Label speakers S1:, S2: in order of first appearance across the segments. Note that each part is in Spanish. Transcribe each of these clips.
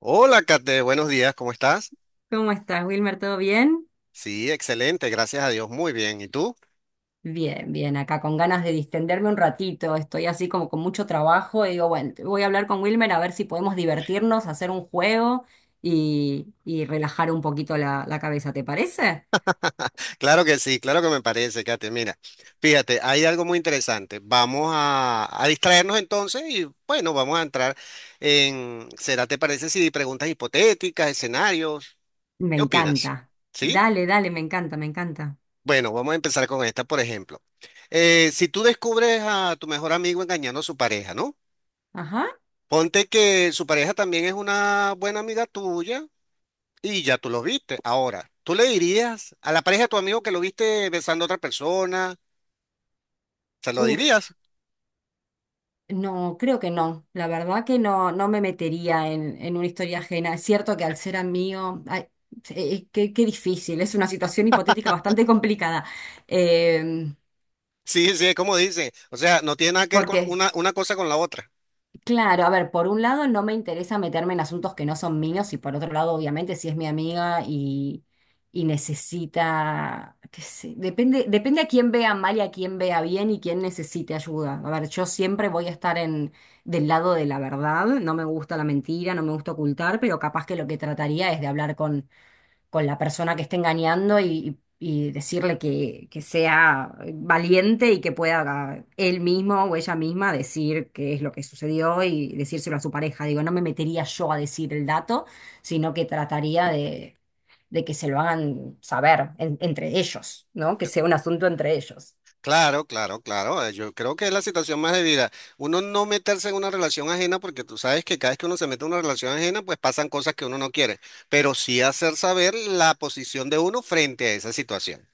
S1: Hola, Kate, buenos días, ¿cómo estás?
S2: ¿Cómo estás, Wilmer? ¿Todo bien?
S1: Sí, excelente, gracias a Dios, muy bien. ¿Y tú?
S2: Bien, bien, acá con ganas de distenderme un ratito, estoy así como con mucho trabajo y digo, bueno, voy a hablar con Wilmer a ver si podemos divertirnos, hacer un juego y relajar un poquito la cabeza, ¿te parece?
S1: Claro que sí, claro que me parece, Kate. Mira, fíjate, hay algo muy interesante. Vamos a distraernos entonces y bueno, vamos a entrar en, ¿será te parece si preguntas hipotéticas, escenarios?
S2: Me
S1: ¿Qué opinas?
S2: encanta.
S1: ¿Sí?
S2: Dale, dale, me encanta, me encanta.
S1: Bueno, vamos a empezar con esta, por ejemplo. Si tú descubres a tu mejor amigo engañando a su pareja, ¿no?
S2: Ajá.
S1: Ponte que su pareja también es una buena amiga tuya. Y ya tú lo viste. Ahora, ¿tú le dirías a la pareja de tu amigo que lo viste besando a otra persona? ¿Se lo
S2: Uf.
S1: dirías?
S2: No, creo que no. La verdad que no, no me metería en una historia ajena. Es cierto que al ser amigo, ay, qué difícil. Es una situación hipotética bastante complicada. Eh,
S1: Sí, es como dice. O sea, no tiene nada que ver
S2: ¿Por
S1: con
S2: qué?
S1: una cosa con la otra.
S2: Claro, a ver, por un lado no me interesa meterme en asuntos que no son míos y por otro lado, obviamente, si es mi amiga y necesita, qué sé, depende, depende a quién vea mal y a quién vea bien y quién necesite ayuda. A ver, yo siempre voy a estar en, del lado de la verdad, no me gusta la mentira, no me gusta ocultar, pero capaz que lo que trataría es de hablar con la persona que esté engañando y decirle que sea valiente y que pueda él mismo o ella misma decir qué es lo que sucedió y decírselo a su pareja. Digo, no me metería yo a decir el dato, sino que trataría de que se lo hagan saber entre ellos, ¿no? Que sea un asunto entre ellos.
S1: Claro, claro, claro. Yo creo que es la situación más debida. Uno no meterse en una relación ajena porque tú sabes que cada vez que uno se mete en una relación ajena, pues pasan cosas que uno no quiere. Pero sí hacer saber la posición de uno frente a esa situación.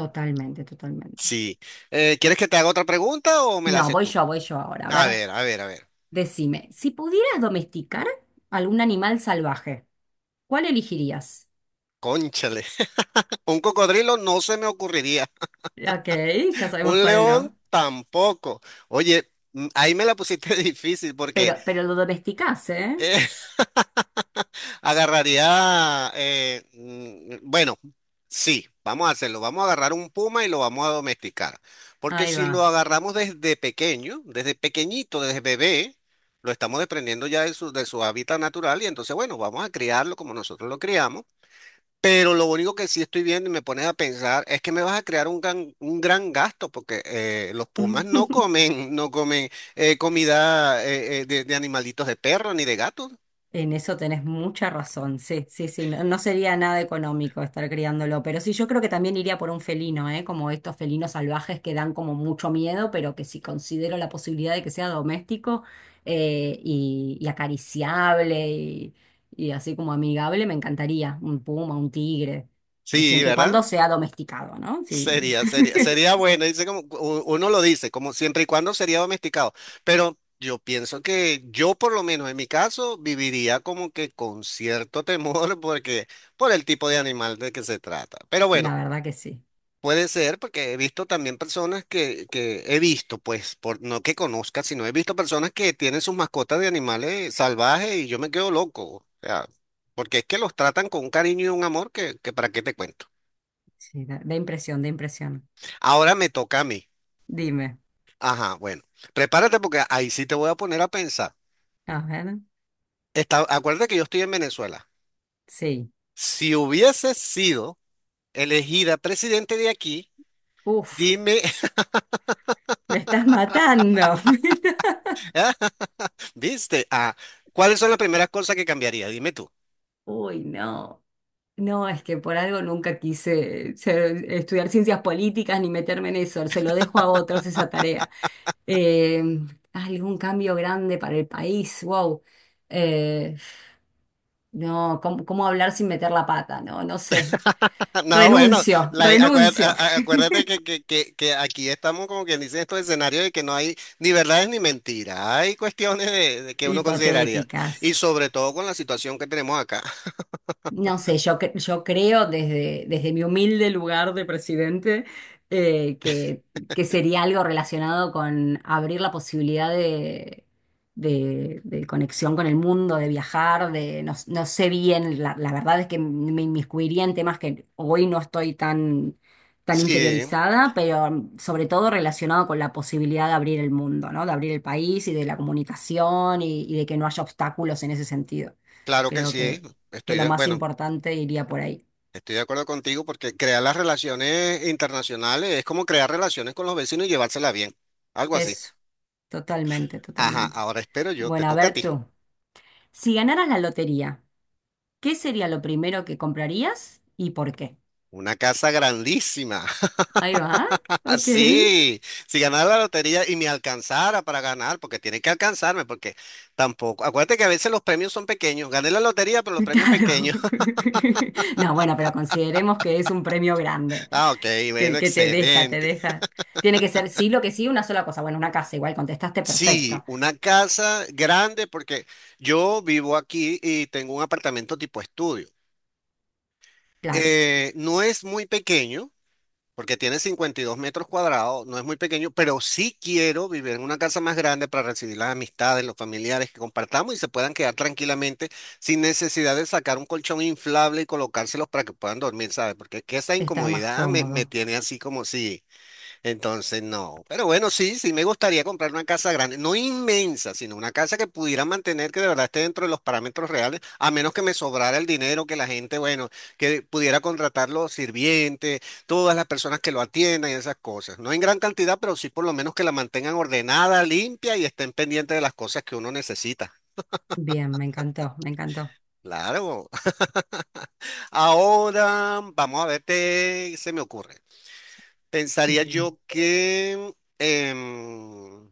S2: Totalmente, totalmente.
S1: Sí. ¿Quieres que te haga otra pregunta o me la
S2: No,
S1: haces tú?
S2: voy yo ahora. A
S1: A
S2: ver,
S1: ver, a ver, a ver.
S2: decime, si pudieras domesticar algún animal salvaje, ¿cuál elegirías?
S1: Cónchale. Un cocodrilo no se me ocurriría.
S2: Ok, ya sabemos
S1: Un
S2: cuál
S1: león
S2: no.
S1: tampoco. Oye, ahí me la pusiste difícil porque
S2: Pero lo domesticás, ¿eh?
S1: eh, agarraría, bueno, sí, vamos a hacerlo. Vamos a agarrar un puma y lo vamos a domesticar. Porque
S2: Ahí
S1: si lo
S2: va.
S1: agarramos desde pequeño, desde pequeñito, desde bebé, lo estamos desprendiendo ya de su hábitat natural y entonces, bueno, vamos a criarlo como nosotros lo criamos. Pero lo único que sí estoy viendo y me pones a pensar es que me vas a crear un gran gasto porque los pumas no comen, no comen comida de animalitos de perro ni de gatos.
S2: En eso tenés mucha razón, sí, sí, sí, no, no sería nada económico estar criándolo, pero sí, yo creo que también iría por un felino, ¿eh? Como estos felinos salvajes que dan como mucho miedo, pero que si considero la posibilidad de que sea doméstico y acariciable y así como amigable, me encantaría un puma, un tigre,
S1: Sí,
S2: siempre y
S1: ¿verdad?
S2: cuando sea domesticado, ¿no? Sí,
S1: Sería, sería, sería bueno. Dice como uno lo dice, como siempre y cuando sería domesticado. Pero yo pienso que yo por lo menos en mi caso viviría como que con cierto temor porque por el tipo de animal de que se trata. Pero
S2: la
S1: bueno.
S2: verdad que sí.
S1: Puede ser, porque he visto también personas que he visto, pues, por, no que conozca, sino he visto personas que tienen sus mascotas de animales salvajes y yo me quedo loco. O sea, porque es que los tratan con un cariño y un amor que para qué te cuento.
S2: Sí, da, da impresión, da impresión.
S1: Ahora me toca a mí.
S2: Dime,
S1: Ajá, bueno, prepárate porque ahí sí te voy a poner a pensar.
S2: a ver.
S1: Está, acuérdate que yo estoy en Venezuela.
S2: Sí.
S1: Si hubiese sido elegida presidente de aquí,
S2: Uf,
S1: dime,
S2: me estás matando.
S1: ¿viste? Ah, ¿cuáles son las primeras cosas que cambiaría? Dime tú.
S2: Uy, no. No, es que por algo nunca quise estudiar ciencias políticas ni meterme en eso. Se lo dejo a otros esa tarea. Eh, algún cambio grande para el país. Wow. Eh, no, ¿cómo, cómo hablar sin meter la pata? No, no sé.
S1: No, bueno,
S2: Renuncio,
S1: acuérdate,
S2: renuncio.
S1: acuérdate que, que aquí estamos como quien dice en estos escenarios de que no hay ni verdades ni mentiras, hay cuestiones de que uno consideraría y
S2: Hipotéticas.
S1: sobre todo con la situación que tenemos acá.
S2: No sé, yo, yo creo desde, desde mi humilde lugar de presidente eh, que, que sería algo relacionado con abrir la posibilidad de conexión con el mundo, de viajar, de no, no sé bien, la verdad es que me inmiscuiría en temas que hoy no estoy tan, tan
S1: Sí,
S2: interiorizada, pero sobre todo relacionado con la posibilidad de abrir el mundo, ¿no? De abrir el país y de la comunicación y de que no haya obstáculos en ese sentido.
S1: claro que
S2: Creo
S1: sí,
S2: que
S1: estoy
S2: lo
S1: de,
S2: más
S1: bueno,
S2: importante iría por ahí.
S1: estoy de acuerdo contigo porque crear las relaciones internacionales es como crear relaciones con los vecinos y llevárselas bien, algo así.
S2: Eso, totalmente,
S1: Ajá,
S2: totalmente.
S1: ahora espero yo, te
S2: Bueno, a
S1: toca a
S2: ver
S1: ti.
S2: tú, si ganaras la lotería, ¿qué sería lo primero que comprarías y por qué?
S1: Una casa grandísima.
S2: Ahí va, ok,
S1: Así, si ganara la lotería y me alcanzara para ganar, porque tiene que alcanzarme, porque tampoco. Acuérdate que a veces los premios son pequeños. Gané la lotería, pero los premios
S2: claro.
S1: pequeños.
S2: No, bueno, pero consideremos que es un premio grande,
S1: Ah, ok, bueno,
S2: que te deja, te
S1: excelente.
S2: deja. Tiene que ser sí, lo que sí, una sola cosa. Bueno, una casa, igual contestaste
S1: Sí,
S2: perfecto.
S1: una casa grande, porque yo vivo aquí y tengo un apartamento tipo estudio.
S2: Claro,
S1: No es muy pequeño. Porque tiene 52 metros cuadrados, no es muy pequeño, pero sí quiero vivir en una casa más grande para recibir las amistades, los familiares que compartamos y se puedan quedar tranquilamente sin necesidad de sacar un colchón inflable y colocárselos para que puedan dormir, ¿sabes? Porque es que esa
S2: estar más
S1: incomodidad me, me
S2: cómodo.
S1: tiene así como si... Entonces, no. Pero bueno, sí, sí, me gustaría comprar una casa grande, no inmensa, sino una casa que pudiera mantener, que de verdad esté dentro de los parámetros reales, a menos que me sobrara el dinero, que la gente, bueno, que pudiera contratar los sirvientes, todas las personas que lo atiendan y esas cosas. No en gran cantidad, pero sí por lo menos que la mantengan ordenada, limpia y estén pendientes de las cosas que uno necesita.
S2: Bien, me encantó, me encantó.
S1: Claro. Ahora, vamos a ver, qué se me ocurre. Pensaría
S2: Dime.
S1: yo que, em,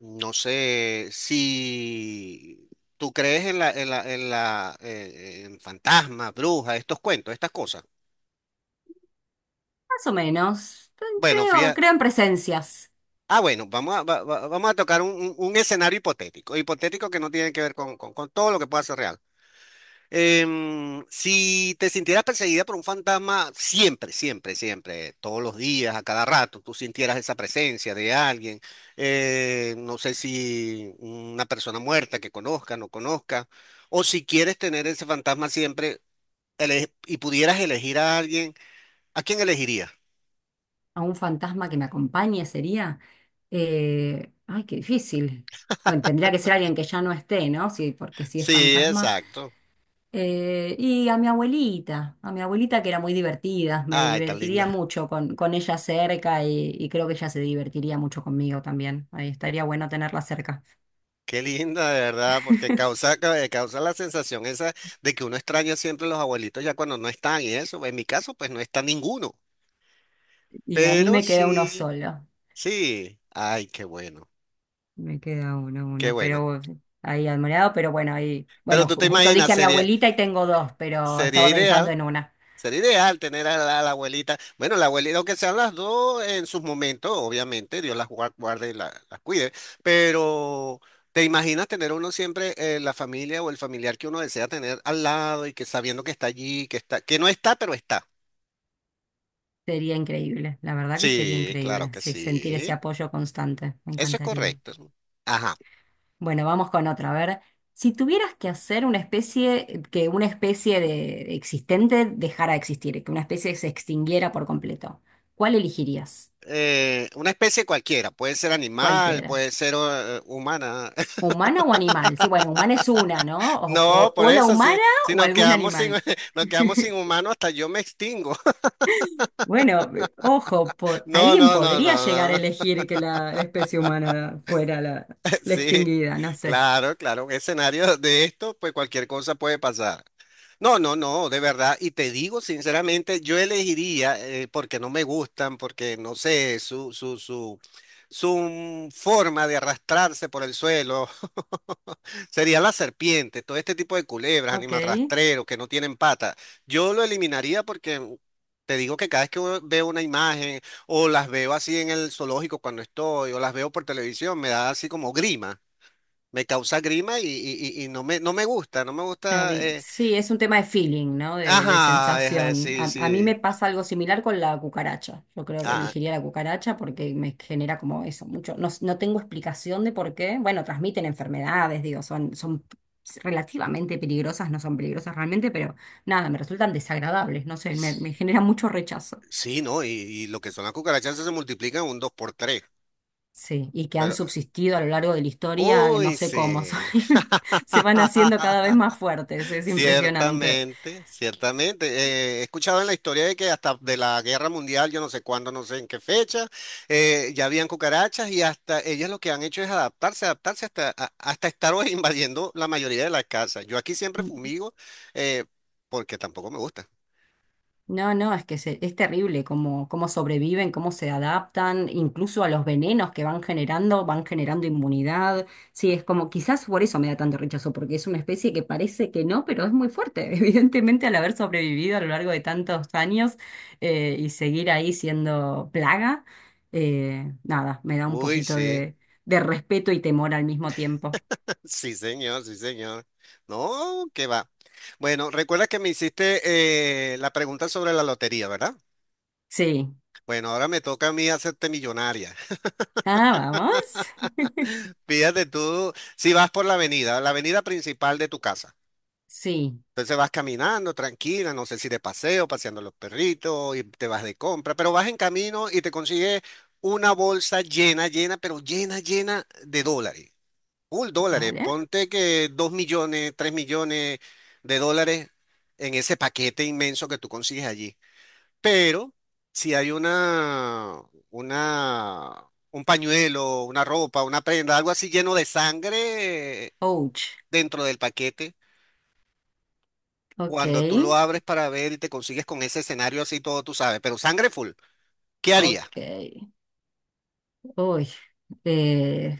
S1: no sé, si tú crees en fantasmas, brujas, estos cuentos, estas cosas.
S2: Más o menos.
S1: Bueno,
S2: Creo,
S1: fíjate.
S2: creo en presencias.
S1: Ah, bueno, vamos a tocar un, un escenario hipotético, hipotético que no tiene que ver con todo lo que pueda ser real. Si te sintieras perseguida por un fantasma siempre, siempre, siempre, todos los días, a cada rato, tú sintieras esa presencia de alguien, no sé si una persona muerta que conozca, no conozca, o si quieres tener ese fantasma siempre y pudieras elegir a alguien, ¿a quién elegirías?
S2: A un fantasma que me acompañe sería. Ay, qué difícil. Bueno, tendría que ser alguien que ya no esté, ¿no? Sí, porque si es
S1: Sí,
S2: fantasma.
S1: exacto.
S2: Y a mi abuelita que era muy divertida, me
S1: Ay, tan
S2: divertiría
S1: linda.
S2: mucho con ella cerca y creo que ella se divertiría mucho conmigo también. Ahí estaría bueno tenerla cerca.
S1: Qué linda, de verdad, porque causa la sensación esa de que uno extraña siempre a los abuelitos ya cuando no están y eso. En mi caso, pues no está ninguno.
S2: Y a mí
S1: Pero
S2: me queda uno
S1: sí,
S2: solo.
S1: sí. Ay, qué bueno,
S2: Me queda uno,
S1: qué
S2: uno,
S1: bueno.
S2: pero ahí admirado, pero bueno, ahí,
S1: Pero
S2: bueno,
S1: tú te
S2: justo
S1: imaginas,
S2: dije a mi
S1: sería,
S2: abuelita y tengo dos, pero
S1: sería
S2: estaba pensando
S1: ideal.
S2: en una.
S1: Sería ideal tener a la abuelita. Bueno, la abuelita, aunque sean las dos en sus momentos, obviamente, Dios las guarde y las cuide, pero ¿te imaginas tener uno siempre la familia o el familiar que uno desea tener al lado y que sabiendo que está allí, que está, que no está, pero está?
S2: Sería increíble, la verdad que sería
S1: Sí, claro
S2: increíble,
S1: que
S2: sí, sentir ese
S1: sí.
S2: apoyo constante, me
S1: Eso es
S2: encantaría.
S1: correcto. Ajá.
S2: Bueno, vamos con otra, a ver, si tuvieras que hacer una especie, que una especie de existente dejara de existir, que una especie se extinguiera por completo, ¿cuál elegirías?
S1: Una especie cualquiera, puede ser animal,
S2: Cualquiera.
S1: puede ser humana.
S2: ¿Humana o animal? Sí, bueno, humana es una, ¿no?
S1: No, por
S2: O la
S1: eso, sí,
S2: humana
S1: si
S2: o
S1: nos
S2: algún
S1: quedamos sin,
S2: animal.
S1: nos quedamos sin humano, hasta yo me extingo.
S2: Bueno, ojo,
S1: No,
S2: alguien
S1: no, no, no,
S2: podría llegar
S1: no.
S2: a
S1: No.
S2: elegir que la especie humana fuera la, la
S1: Sí,
S2: extinguida, no sé.
S1: claro, claro. Un escenario de esto, pues cualquier cosa puede pasar. No, no, no, de verdad. Y te digo sinceramente, yo elegiría, porque no me gustan, porque no sé, su forma de arrastrarse por el suelo, sería la serpiente, todo este tipo de culebras,
S2: Ok,
S1: animal rastrero, que no tienen patas. Yo lo eliminaría porque te digo que cada vez que veo una imagen o las veo así en el zoológico cuando estoy o las veo por televisión, me da así como grima. Me causa grima y, y no me, no me gusta, no me
S2: está
S1: gusta.
S2: bien. Sí, es un tema de feeling, ¿no? De
S1: Ajá,
S2: sensación.
S1: sí,
S2: A mí me
S1: sí.
S2: pasa algo similar con la cucaracha. Yo creo que
S1: Ah,
S2: elegiría la cucaracha porque me genera como eso, mucho. No, no tengo explicación de por qué. Bueno, transmiten enfermedades, digo, son, son relativamente peligrosas, no son peligrosas realmente, pero nada, me resultan desagradables, no sé, me genera mucho rechazo.
S1: sí, no, y lo que son las cucarachas se multiplican un 2 por tres.
S2: Sí, y que han
S1: Pero,
S2: subsistido a lo largo de la historia, que no
S1: uy,
S2: sé cómo,
S1: sí.
S2: se van haciendo cada vez más fuertes, es impresionante.
S1: Ciertamente, ciertamente. He escuchado en la historia de que hasta de la Guerra Mundial, yo no sé cuándo, no sé en qué fecha, ya habían cucarachas y hasta ellas lo que han hecho es adaptarse, adaptarse hasta, hasta estar hoy invadiendo la mayoría de las casas. Yo aquí siempre fumigo eh, porque tampoco me gusta.
S2: No, no, es que es terrible cómo, cómo sobreviven, cómo se adaptan, incluso a los venenos que van generando inmunidad. Sí, es como, quizás por eso me da tanto rechazo, porque es una especie que parece que no, pero es muy fuerte. Evidentemente, al haber sobrevivido a lo largo de tantos años y seguir ahí siendo plaga, nada, me da un
S1: Uy,
S2: poquito
S1: sí,
S2: de respeto y temor al mismo tiempo.
S1: sí señor, sí señor. No, que va. Bueno, recuerda que me hiciste la pregunta sobre la lotería, ¿verdad?
S2: Sí.
S1: Bueno, ahora me toca a mí hacerte millonaria.
S2: Ah, vamos.
S1: Fíjate tú, si vas por la avenida principal de tu casa.
S2: Sí,
S1: Entonces vas caminando tranquila, no sé si de paseo, paseando los perritos y te vas de compra, pero vas en camino y te consigues una bolsa llena, llena, pero llena, llena de dólares. Full dólares.
S2: vale.
S1: Ponte que 2 millones, 3 millones de dólares en ese paquete inmenso que tú consigues allí. Pero si hay una, un pañuelo, una ropa, una prenda, algo así lleno de sangre
S2: Ouch.
S1: dentro del paquete,
S2: Ok,
S1: cuando tú lo abres para ver y te consigues con ese escenario así todo, tú sabes, pero sangre full, ¿qué harías?
S2: ok. Uy, eh,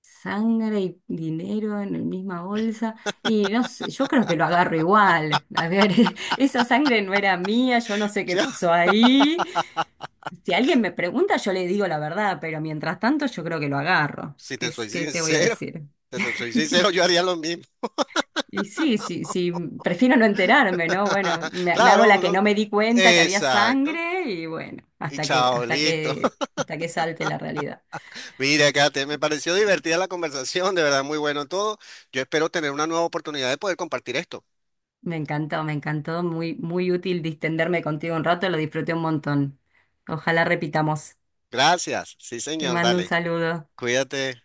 S2: sangre y dinero en la misma bolsa. Y no sé, yo creo que lo agarro igual. A ver, esa sangre no era mía, yo no sé qué
S1: Yo,
S2: pasó ahí. Si alguien me pregunta, yo le digo la verdad, pero mientras tanto yo creo que lo agarro.
S1: si
S2: ¿Qué,
S1: te soy
S2: qué te voy a
S1: sincero,
S2: decir?
S1: si te soy sincero, yo haría lo mismo.
S2: Y sí, sí, sí, prefiero no enterarme, ¿no? Bueno, me hago
S1: Claro,
S2: la que
S1: uno.
S2: no me di cuenta que había
S1: Exacto.
S2: sangre y bueno,
S1: Y
S2: hasta que,
S1: chao,
S2: hasta
S1: listo.
S2: que, hasta que salte la realidad.
S1: Mira, Kate, me pareció divertida la conversación, de verdad, muy bueno todo. Yo espero tener una nueva oportunidad de poder compartir esto.
S2: Me encantó, me encantó. Muy, muy útil distenderme contigo un rato, lo disfruté un montón. Ojalá repitamos.
S1: Gracias. Sí,
S2: Te
S1: señor,
S2: mando un
S1: dale.
S2: saludo.
S1: Cuídate.